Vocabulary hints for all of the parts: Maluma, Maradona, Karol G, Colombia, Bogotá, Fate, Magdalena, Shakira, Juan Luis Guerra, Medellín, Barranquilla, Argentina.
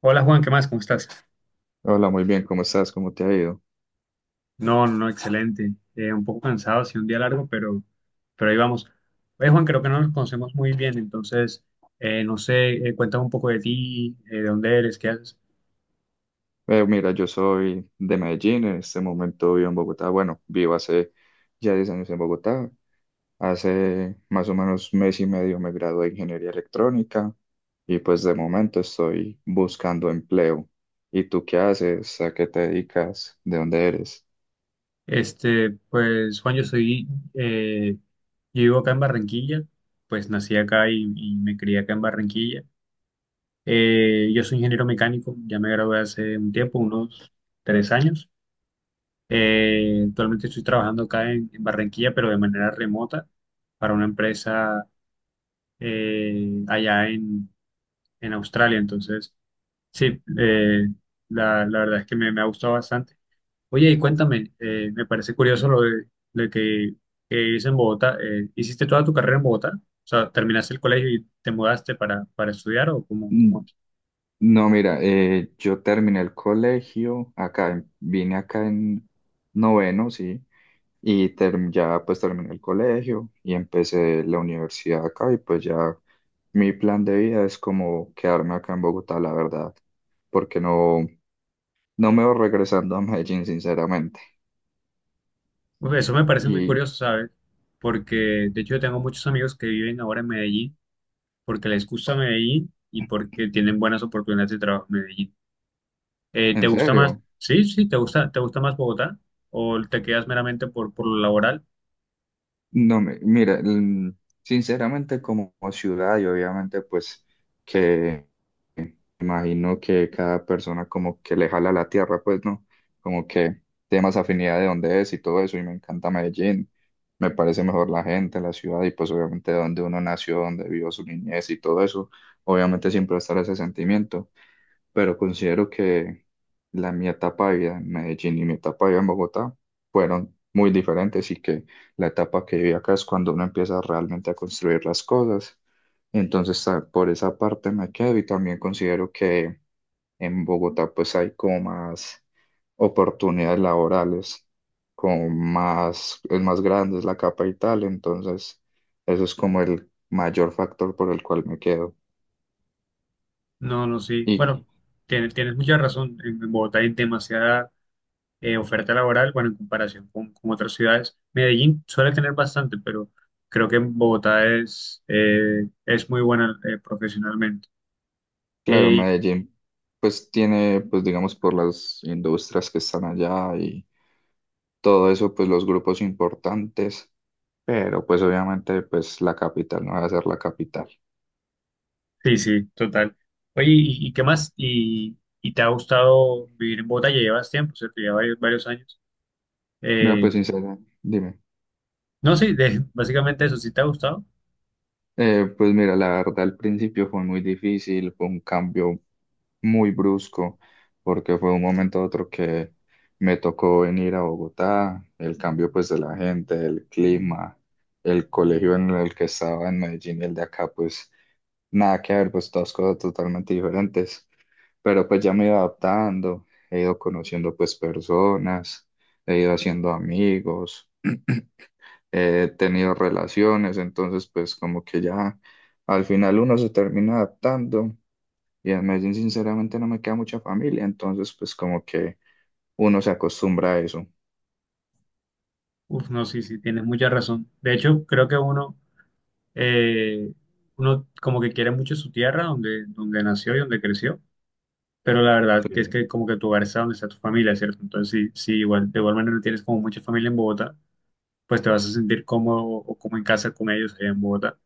Hola Juan, ¿qué más? ¿Cómo estás? Hola, muy bien, ¿cómo estás? ¿Cómo te ha ido? No, no, excelente. Un poco cansado, sí, un día largo, pero ahí vamos. Oye, Juan, creo que no nos conocemos muy bien, entonces, no sé, cuéntame un poco de ti, de dónde eres, qué haces. Mira, yo soy de Medellín, en este momento vivo en Bogotá, bueno, vivo hace ya 10 años en Bogotá. Hace más o menos mes y medio me gradué de ingeniería electrónica y pues de momento estoy buscando empleo. ¿Y tú qué haces? ¿A qué te dedicas? ¿De dónde eres? Este, pues, Juan, eh, yo vivo acá en Barranquilla, pues nací acá y me crié acá en Barranquilla. Yo soy ingeniero mecánico, ya me gradué hace un tiempo, unos 3 años. Actualmente estoy trabajando acá en Barranquilla, pero de manera remota para una empresa allá en Australia. Entonces, sí, la verdad es que me ha gustado bastante. Oye, y cuéntame, me parece curioso lo de que vives en Bogotá. ¿Hiciste toda tu carrera en Bogotá? O sea, ¿terminaste el colegio y te mudaste para estudiar o cómo Mm, es? No, mira, yo terminé el colegio acá, vine acá en noveno, sí. Ya pues terminé el colegio y empecé la universidad acá y pues ya mi plan de vida es como quedarme acá en Bogotá, la verdad, porque no, no me voy regresando a Medellín, sinceramente. Pues eso me parece muy Y curioso, ¿sabes? Porque de hecho yo tengo muchos amigos que viven ahora en Medellín porque les gusta Medellín y porque tienen buenas oportunidades de trabajo en Medellín. ¿Te en gusta más? serio. Sí, sí, ¿te gusta más Bogotá? ¿O te quedas meramente por lo laboral? No, mira, sinceramente como ciudad y obviamente pues que imagino que cada persona como que le jala la tierra, pues no, como que tiene más afinidad de dónde es y todo eso y me encanta Medellín, me parece mejor la gente, la ciudad, y pues obviamente donde uno nació, donde vivió su niñez y todo eso, obviamente siempre va a estar ese sentimiento, pero considero que mi etapa de vida en Medellín y mi etapa de vida en Bogotá fueron muy diferentes, y que la etapa que viví acá es cuando uno empieza realmente a construir las cosas. Entonces, ah, por esa parte me quedo, y también considero que en Bogotá pues hay como más oportunidades laborales, como más, es más grande, es la capital, entonces eso es como el mayor factor por el cual me quedo. No, no, sí. ¿Y Bueno, tienes mucha razón. En Bogotá hay demasiada oferta laboral, bueno, en comparación con otras ciudades. Medellín suele tener bastante, pero creo que en Bogotá es muy buena profesionalmente. Claro, Eh, Medellín, pues tiene, pues digamos, por las industrias que están allá y todo eso, pues los grupos importantes, pero pues obviamente, pues la capital no va a ser la capital. Sí, sí, total. Oye, ¿y qué más? ¿Y te ha gustado vivir en Bogotá? Ya llevas tiempo, ¿cierto? Ya varios, varios años. Mira, Eh, pues sincera, dime. no, sí, básicamente eso, ¿sí te ha gustado? Pues mira, la verdad al principio fue muy difícil, fue un cambio muy brusco, porque fue un momento a otro que me tocó venir a Bogotá, el cambio pues de la gente, el clima, el colegio en el que estaba en Medellín y el de acá, pues nada que ver, pues todas cosas totalmente diferentes, pero pues ya me he ido adaptando, he ido conociendo pues personas, he ido haciendo amigos. He tenido relaciones, entonces pues como que ya al final uno se termina adaptando, y en Medellín sinceramente no me queda mucha familia, entonces pues como que uno se acostumbra a eso. Uf, no, sí, sí, tienes mucha razón. De hecho, creo que eh, uno como que quiere mucho su tierra, donde nació y donde creció, pero la verdad que es Sí. que como que tu hogar está donde está tu familia, ¿cierto? Entonces, sí, sí, igual, de igual manera tienes como mucha familia en Bogotá, pues te vas a sentir cómodo o como en casa con ellos allá en Bogotá.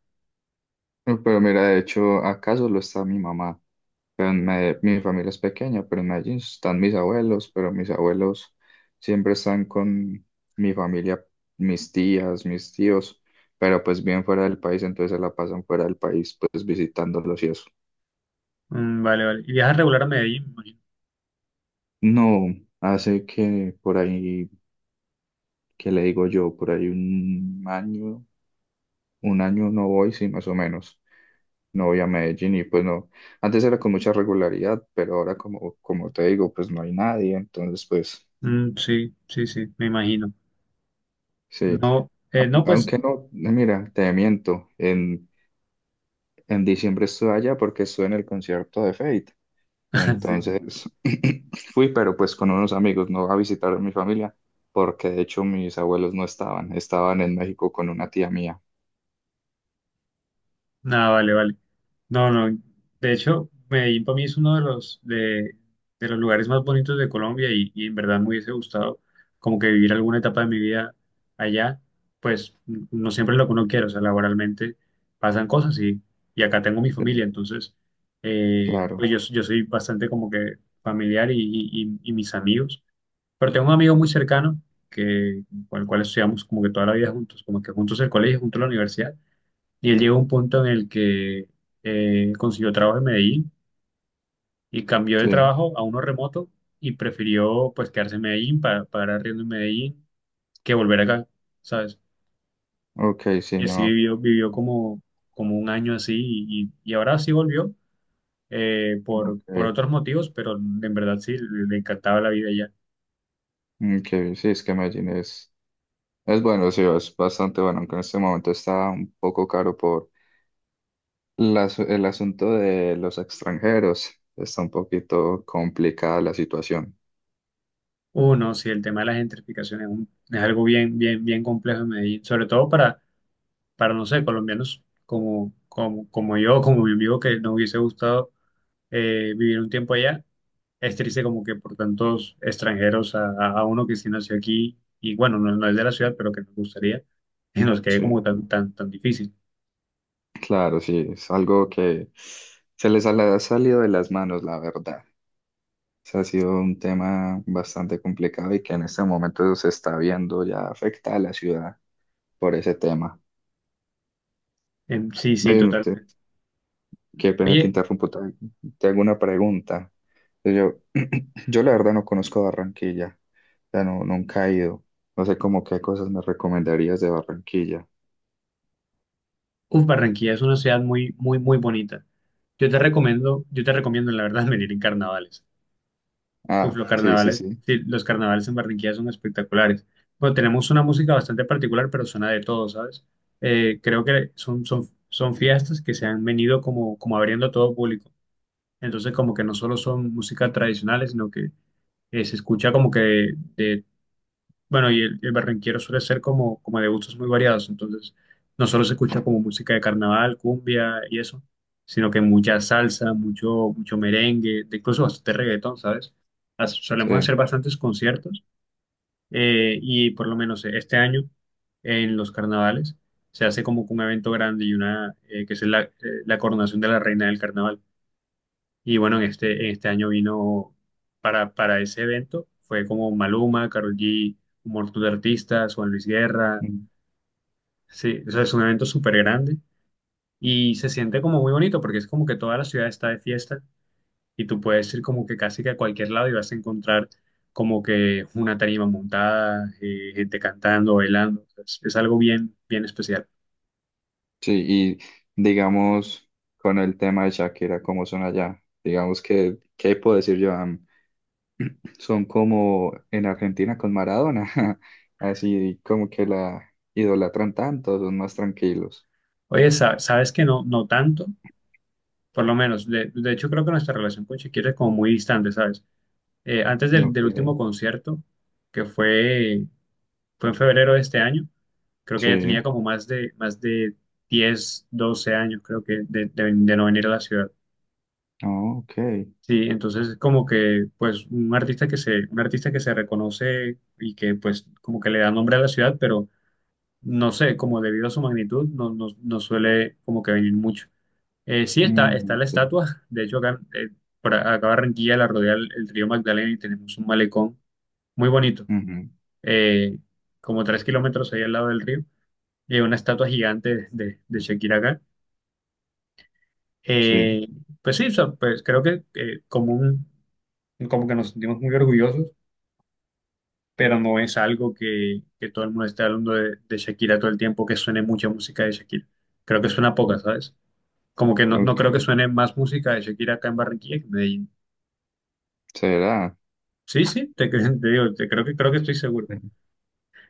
Pero mira, de hecho acaso lo está mi mamá, pero en mi familia es pequeña, pero en Medellín están mis abuelos, pero mis abuelos siempre están con mi familia, mis tías, mis tíos, pero pues bien fuera del país, entonces se la pasan fuera del país pues visitándolos y eso. Mm, vale, vale. ¿Y viajas regular a Medellín? No, hace que por ahí, ¿que le digo yo? Por ahí un año no voy, sí, más o menos. No voy a Medellín y pues no. Antes era con mucha regularidad, pero ahora como, como te digo, pues no hay nadie, entonces pues Mm, sí, sí, sí, me imagino. sí. No, no, pues, Aunque no, mira, te miento, en diciembre estuve allá porque estuve en el concierto de Fate. sí, Entonces fui, pero pues con unos amigos, no a visitar a mi familia, porque de hecho mis abuelos no estaban, estaban en México con una tía mía. nada, vale, vale. No, no. De hecho, Medellín para mí es uno de los lugares más bonitos de Colombia y en verdad me hubiese gustado como que vivir alguna etapa de mi vida allá. Pues no siempre es lo que uno quiere, o sea, laboralmente pasan cosas y acá tengo mi Sí, familia, entonces, claro, pues yo soy bastante como que familiar y mis amigos. Pero tengo un amigo muy cercano que, con el cual estudiamos como que toda la vida juntos, como que juntos el colegio, juntos la universidad. Y él llegó a un punto en el que consiguió trabajo en Medellín y cambió de sí, trabajo a uno remoto y prefirió pues quedarse en Medellín para pagar arriendo en Medellín que volver acá, ¿sabes? ok, sí, Y así no, vivió como un año así y ahora sí volvió por ok, otros motivos, pero en verdad sí, le encantaba la vida allá. ok, sí, es que Medellín es bueno, sí, es bastante bueno, aunque en este momento está un poco caro por el asunto de los extranjeros, está un poquito complicada la situación, Uno, sí, el tema de las gentrificaciones es algo bien, bien, bien complejo en Medellín, sobre todo para no sé, colombianos como yo, como mi amigo que nos hubiese gustado vivir un tiempo allá. Es triste como que por tantos extranjeros a uno que sí nació aquí y bueno, no es de la ciudad, pero que nos gustaría, y nos quede como sí, tan, tan, tan difícil. claro, sí, es algo que se les ha le ha salido de las manos, la verdad. Sea, ha sido un tema bastante complicado y que en este momento se está viendo ya afecta a la ciudad por ese tema. Sí, sí, Ven, totalmente. qué pena te Oye, interrumpo, te hago una pregunta. Yo, yo la verdad no conozco Barranquilla, ya no, nunca he ido. No sé cómo qué cosas me recomendarías de Barranquilla. uf, Barranquilla es una ciudad muy, muy, muy bonita. Yo te recomiendo, la verdad, venir en carnavales. Uf, Ah, los sí, sí, carnavales, sí, sí, los carnavales en Barranquilla son espectaculares. Bueno, tenemos una música bastante particular, pero suena de todo, ¿sabes? Creo que son fiestas que se han venido como abriendo a todo público. Entonces, como que no solo son músicas tradicionales, sino que se escucha como que bueno, y el barranquero suele ser como de gustos muy variados. Entonces, no solo se escucha como música de carnaval, cumbia y eso, sino que mucha salsa, mucho, mucho merengue, incluso bastante reggaetón, ¿sabes? Solemos sí. hacer bastantes conciertos y por lo menos este año en los carnavales se hace como que un evento grande y una que es la coronación de la reina del carnaval. Y bueno, en este año vino para ese evento, fue como Maluma, Karol G, un montón de artistas, Juan Luis Guerra, Mm, sí, o sea, es un evento súper grande y se siente como muy bonito porque es como que toda la ciudad está de fiesta y tú puedes ir como que casi que a cualquier lado y vas a encontrar como que una tarima montada, gente cantando, bailando, o sea, es algo bien, bien especial. sí, y digamos con el tema de Shakira, ¿cómo son allá? Digamos que, ¿qué puedo decir yo? Son como en Argentina con Maradona, así como que la idolatran tanto, ¿son más tranquilos? Oye, sabes que no, no tanto, por lo menos, de hecho creo que nuestra relación con Shakira es como muy distante, ¿sabes? Antes del, Ok, del último concierto, que fue en febrero de este año, creo que sí, ella tenía como más de 10 12 años, creo que, de no venir a la ciudad. oh, ok. Sí, entonces es como que, pues, un artista que se reconoce y que, pues, como que le da nombre a la ciudad, pero no sé, como debido a su magnitud, no suele como que venir mucho. Sí Mm, está la ok. estatua, de hecho acá, por acá Barranquilla la rodea el río Magdalena y tenemos un malecón muy bonito. Ujú, eh, como 3 kilómetros ahí al lado del río, y hay una estatua gigante de Shakira acá. sí, Eh, pues sí, o sea, pues creo que como que nos sentimos muy orgullosos, pero no es algo que todo el mundo esté hablando de Shakira todo el tiempo, que suene mucha música de Shakira. Creo que suena mm, poca, ¿sabes? Como que no creo que ok, suene más música de Shakira acá en Barranquilla que en Medellín. será. Sí, sí, te digo, creo que estoy seguro.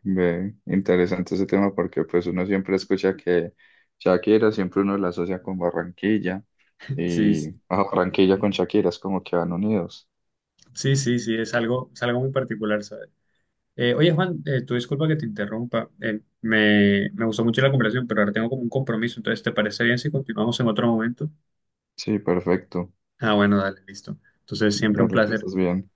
Ve, interesante ese tema porque pues uno siempre escucha que Shakira, siempre uno la asocia con Barranquilla, Sí, y sí. ah, Barranquilla con Shakira es como que van unidos. Sí, sí, sí, es algo muy particular, ¿sabes? Oye, Juan, tú disculpa que te interrumpa. Me gustó mucho la conversación, pero ahora tengo como un compromiso. Entonces, ¿te parece bien si continuamos en otro momento? Sí, perfecto. Ah, bueno, dale, listo. Entonces, siempre un Dale, que placer. estás bien.